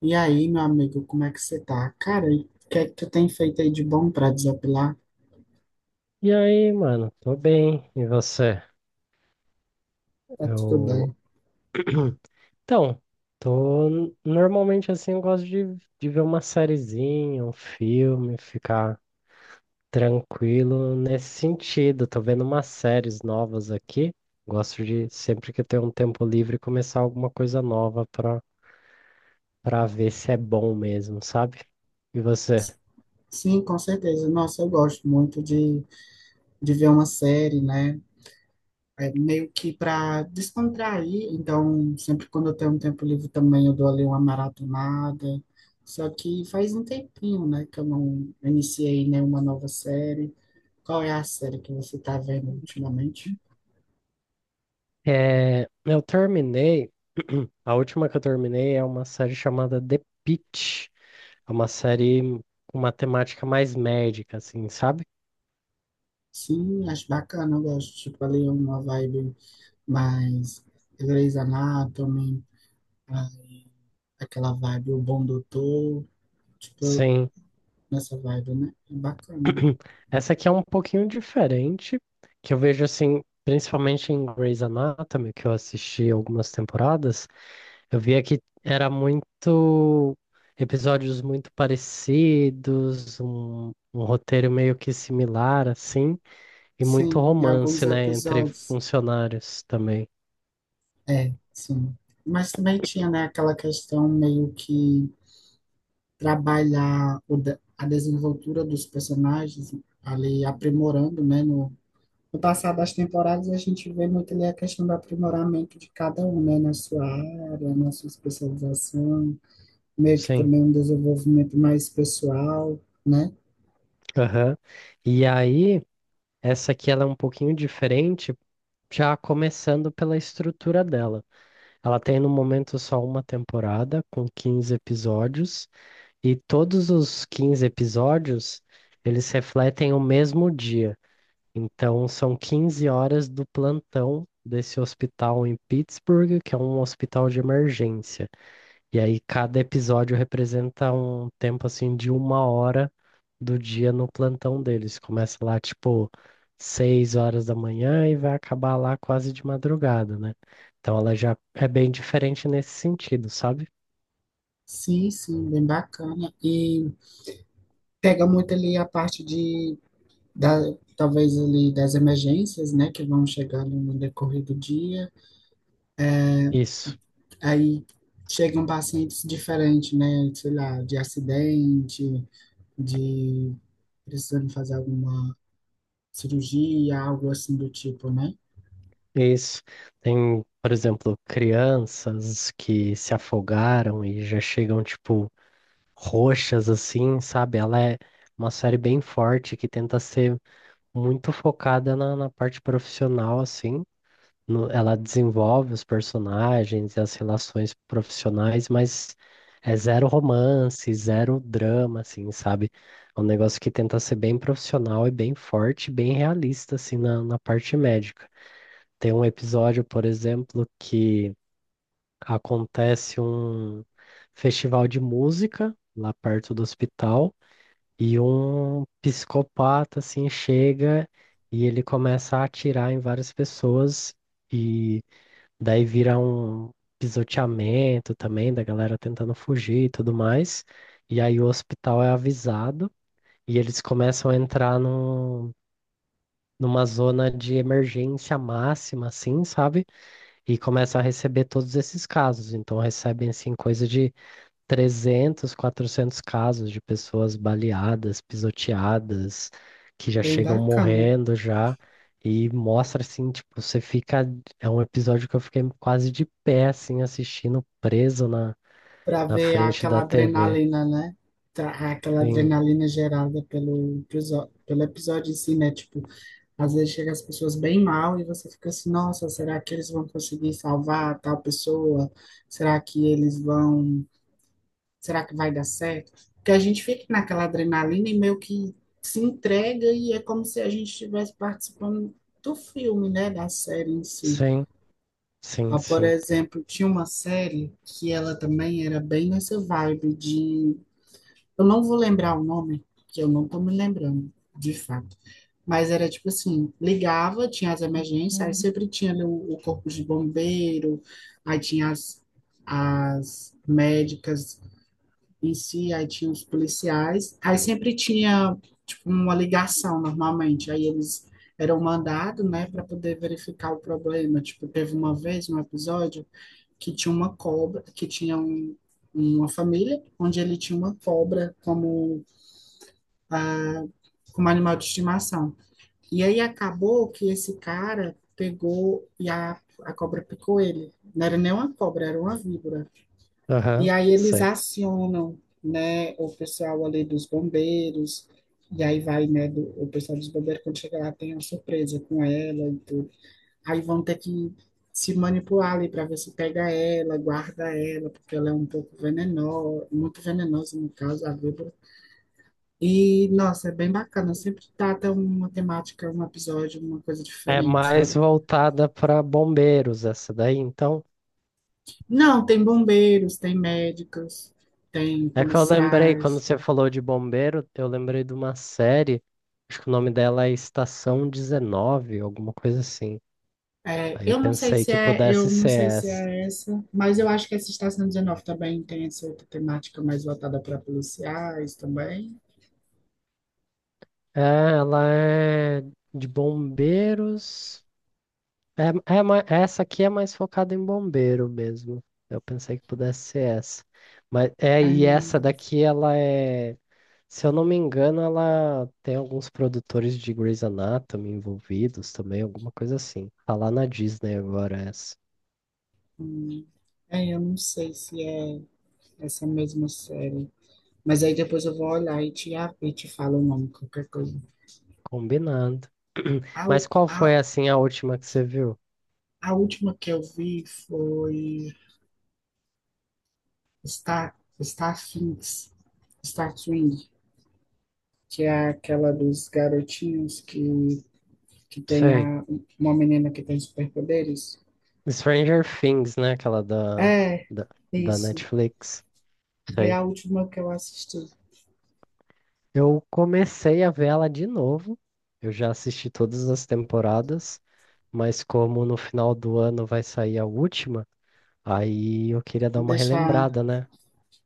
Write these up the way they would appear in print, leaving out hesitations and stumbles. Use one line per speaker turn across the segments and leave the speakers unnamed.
E aí, meu amigo, como é que você tá? Cara, e o que é que tu tem feito aí de bom pra desapilar?
E aí, mano, tô bem. E você?
Tá tudo
Eu.
bem.
Então, tô. Normalmente assim, eu gosto de ver uma sériezinha, um filme, ficar tranquilo nesse sentido. Tô vendo umas séries novas aqui. Gosto sempre que eu tenho um tempo livre, começar alguma coisa nova pra ver se é bom mesmo, sabe? E você?
S- Sim, com certeza. Nossa, eu gosto muito de ver uma série, né? É meio que pra descontrair. Então, sempre quando eu tenho um tempo livre também, eu dou ali uma maratonada. Só que faz um tempinho, né, que eu não iniciei nenhuma nova série. Qual é a série que você tá vendo ultimamente?
É, eu terminei. A última que eu terminei é uma série chamada The Pitt. É uma série com uma temática mais médica, assim, sabe?
Sim, acho bacana, eu gosto. Tipo, ali uma vibe. Mas Grey's Anatomy, a- aquela vibe, o Bom Doutor, tipo,
Sim.
nessa vibe, né? É bacana.
Essa aqui é um pouquinho diferente, que eu vejo assim, principalmente em Grey's Anatomy, que eu assisti algumas temporadas, eu via que era muito episódios muito parecidos, um roteiro meio que similar, assim, e muito
Sim, em alguns
romance, né, entre
episódios.
funcionários também.
É, sim. Mas também tinha, né, aquela questão meio que trabalhar a desenvoltura dos personagens ali aprimorando, né, no passar das temporadas a gente vê muito ali a questão do aprimoramento de cada um, né, na sua área, na sua especialização. Meio que
Sim.
também um desenvolvimento mais pessoal, né?
Aham. E aí, essa aqui ela é um pouquinho diferente. Já começando pela estrutura dela. Ela tem no momento só uma temporada, com 15 episódios, e todos os 15 episódios eles refletem o mesmo dia. Então, são 15 horas do plantão desse hospital em Pittsburgh, que é um hospital de emergência. E aí cada episódio representa um tempo assim de uma hora do dia no plantão deles. Começa lá tipo 6 horas da manhã e vai acabar lá quase de madrugada, né? Então ela já é bem diferente nesse sentido, sabe?
Sim, sim, bem bacana. E pega muito ali a parte da, talvez ali das emergências, né, que vão chegando no decorrer do dia.
Isso,
Aí chegam pacientes diferentes, né, sei lá, de acidente, de precisando fazer alguma cirurgia, algo assim do tipo, né?
isso. Tem, por exemplo, crianças que se afogaram e já chegam, tipo, roxas assim, sabe? Ela é uma série bem forte que tenta ser muito focada na parte profissional, assim, ela desenvolve os personagens e as relações profissionais, mas é zero romance, zero drama, assim, sabe? É um negócio que tenta ser bem profissional e bem forte, bem realista, assim, na parte médica. Tem um episódio, por exemplo, que acontece um festival de música lá perto do hospital e um psicopata, assim, chega e ele começa a atirar em várias pessoas. E Daí vira um pisoteamento também da galera tentando fugir e tudo mais. E aí o hospital é avisado e eles começam a entrar numa zona de emergência máxima, assim, sabe? E começam a receber todos esses casos. Então recebem, assim, coisa de 300, 400 casos de pessoas baleadas, pisoteadas, que já
Bem
chegam
bacana.
morrendo já. E mostra assim, tipo, você fica. É um episódio que eu fiquei quase de pé, assim, assistindo, preso na,
Para
na
ver
frente
aquela
da TV.
adrenalina, né? Aquela
Sim,
adrenalina gerada pelo episódio em si, né? Tipo, às vezes chega as pessoas bem mal e você fica assim, nossa, será que eles vão conseguir salvar tal pessoa? Será que eles vão? Será que vai dar certo? Porque a gente fica naquela adrenalina e meio que se entrega e é como se a gente estivesse participando do filme, né? Da série em si.
sim, sim,
Ah, por
sim.
exemplo, tinha uma série que ela também era bem nessa vibe de eu não vou lembrar o nome, porque eu não tô me lembrando, de fato. Mas era tipo assim, ligava, tinha as emergências, aí sempre tinha ali o corpo de bombeiro, aí tinha as médicas em si, aí tinha os policiais, aí sempre tinha tipo uma ligação normalmente, aí eles eram mandados, né, para poder verificar o problema. Tipo, teve uma vez, um episódio, que tinha uma cobra, que tinha uma família onde ele tinha uma cobra ah, como animal de estimação. E aí acabou que esse cara pegou e a cobra picou ele. Não era nem uma cobra, era uma víbora. E
Aham,
aí eles
sei.
acionam, né, o pessoal ali dos bombeiros. E aí vai, né, o pessoal dos bombeiros, quando chega lá, tem uma surpresa com ela e tudo. Aí vão ter que se manipular ali para ver se pega ela, guarda ela, porque ela é um pouco venenosa, muito venenosa no caso, a víbora. E, nossa, é bem bacana. Sempre trata uma temática, um episódio, uma coisa
É
diferente,
mais
sabe?
voltada para bombeiros essa daí, então.
Não, tem bombeiros, tem médicos, tem
É que eu lembrei, quando
policiais.
você falou de bombeiro, eu lembrei de uma série, acho que o nome dela é Estação 19, alguma coisa assim.
É,
Aí eu pensei que
eu
pudesse
não
ser
sei se
essa.
é essa, mas eu acho que essa Estação 19 também tem essa outra temática mais voltada para policiais também.
É, ela é de bombeiros. Essa aqui é mais focada em bombeiro mesmo. Eu pensei que pudesse ser essa. Mas é, e essa
Ah,
daqui, ela é, se eu não me engano, ela tem alguns produtores de Grey's Anatomy envolvidos também, alguma coisa assim. Tá lá na Disney agora essa.
hum, é, eu não sei se é essa mesma série. Mas aí depois eu vou olhar e te falo o nome, qualquer coisa.
Combinado.
Au-
Mas qual foi
au-
assim a última que você viu?
A última que eu vi foi Star, Star Things, Star Swing, que é aquela dos garotinhos que tem
Sei.
uma menina que tem superpoderes.
Stranger Things, né? Aquela
É,
da, da
isso.
Netflix.
Foi
Sei.
a última que eu assisti.
Eu comecei a ver ela de novo. Eu já assisti todas as temporadas, mas como no final do ano vai sair a última, aí eu queria dar uma
Deixar,
relembrada, né?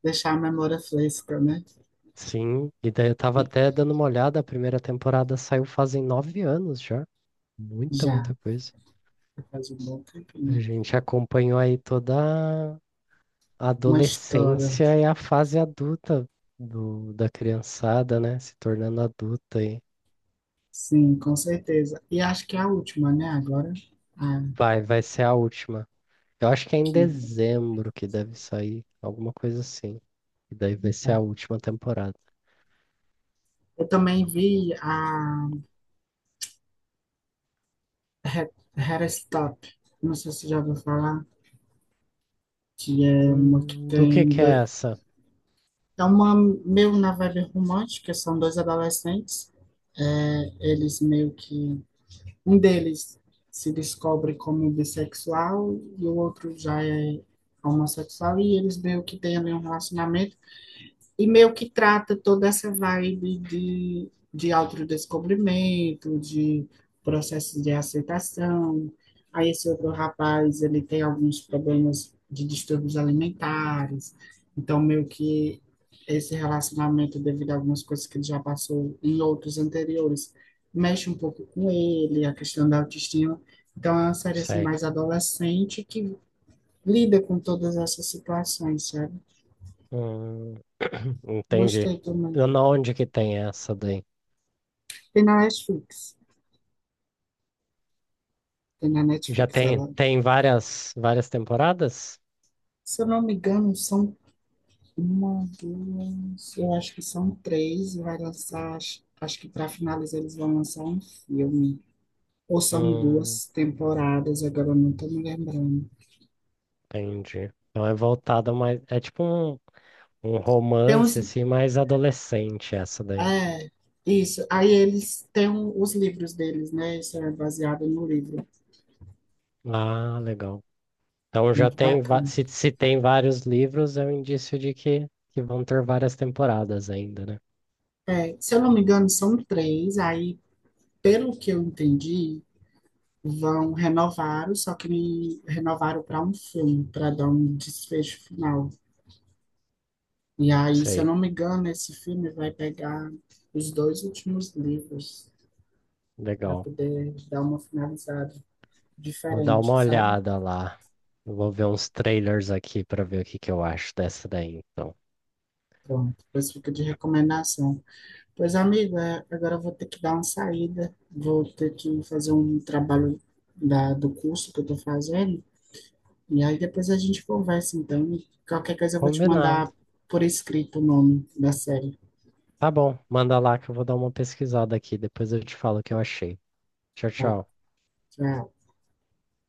deixar a memória fresca, né?
Sim, e daí eu tava até dando uma olhada, a primeira temporada saiu fazem 9 anos já. Muita,
Já,
muita coisa.
faz um bom
A
tempinho.
gente acompanhou aí toda a
Uma história,
adolescência e a fase adulta da criançada, né? Se tornando adulta aí.
sim, com certeza. E acho que é a última, né? Agora, a
Vai, vai ser a última. Eu acho que é em
que.
dezembro que deve sair, alguma coisa assim. E daí vai ser a
É.
última temporada.
Eu também vi a Head, Head Stop, não sei se você já ouviu falar, que é uma que
Do
tem.
que é essa?
É uma meio na vibe romântica, são dois adolescentes. É, eles meio que. Um deles se descobre como bissexual e o outro já é homossexual, e eles meio que têm ali um relacionamento. E meio que trata toda essa vibe de autodescobrimento, de processo de aceitação. Aí esse outro rapaz, ele tem alguns problemas de distúrbios alimentares, então meio que esse relacionamento, devido a algumas coisas que ele já passou em outros anteriores, mexe um pouco com ele, a questão da autoestima. Então é uma série assim,
Sei.
mais adolescente que lida com todas essas situações, sabe?
Hum, entendi.
Gostei também.
Eu não- Onde que tem essa daí?
Tem na Netflix. Tem na
Já
Netflix,
tem,
ela.
tem várias, várias temporadas?
Se eu não me engano, são uma, duas, eu acho que são três. E vai lançar, acho que para finalizar eles vão lançar um filme. Ou são
Hum,
duas temporadas, agora eu não estou me lembrando.
entendi. Então é voltada mais. É tipo um
Tem
romance
uns,
assim, mais adolescente essa daí.
é, isso. Aí eles têm os livros deles, né? Isso é baseado no livro.
Ah, legal. Então já
Muito
tem, va-
bacana.
se, se tem vários livros, é um indício de que vão ter várias temporadas ainda, né?
É, se eu não me engano, são três. Aí, pelo que eu entendi, vão renovaram, só que me renovaram para um filme, para dar um desfecho final. E aí, se eu
Sei,
não me engano, esse filme vai pegar os dois últimos livros para
legal.
poder dar uma finalizada
Vou dar
diferente,
uma
sabe?
olhada lá. Eu vou ver uns trailers aqui pra ver o que que eu acho dessa daí, então.
Pronto, pois fica de recomendação. Pois, amigo, agora eu vou ter que dar uma saída, vou ter que fazer um trabalho da, do curso que eu estou fazendo, e aí depois a gente conversa, então, e qualquer coisa eu vou te
Combinado.
mandar por escrito o nome da série.
Tá bom, manda lá que eu vou dar uma pesquisada aqui, depois eu te falo o que eu achei. Tchau,
Tá,
tchau.
tchau.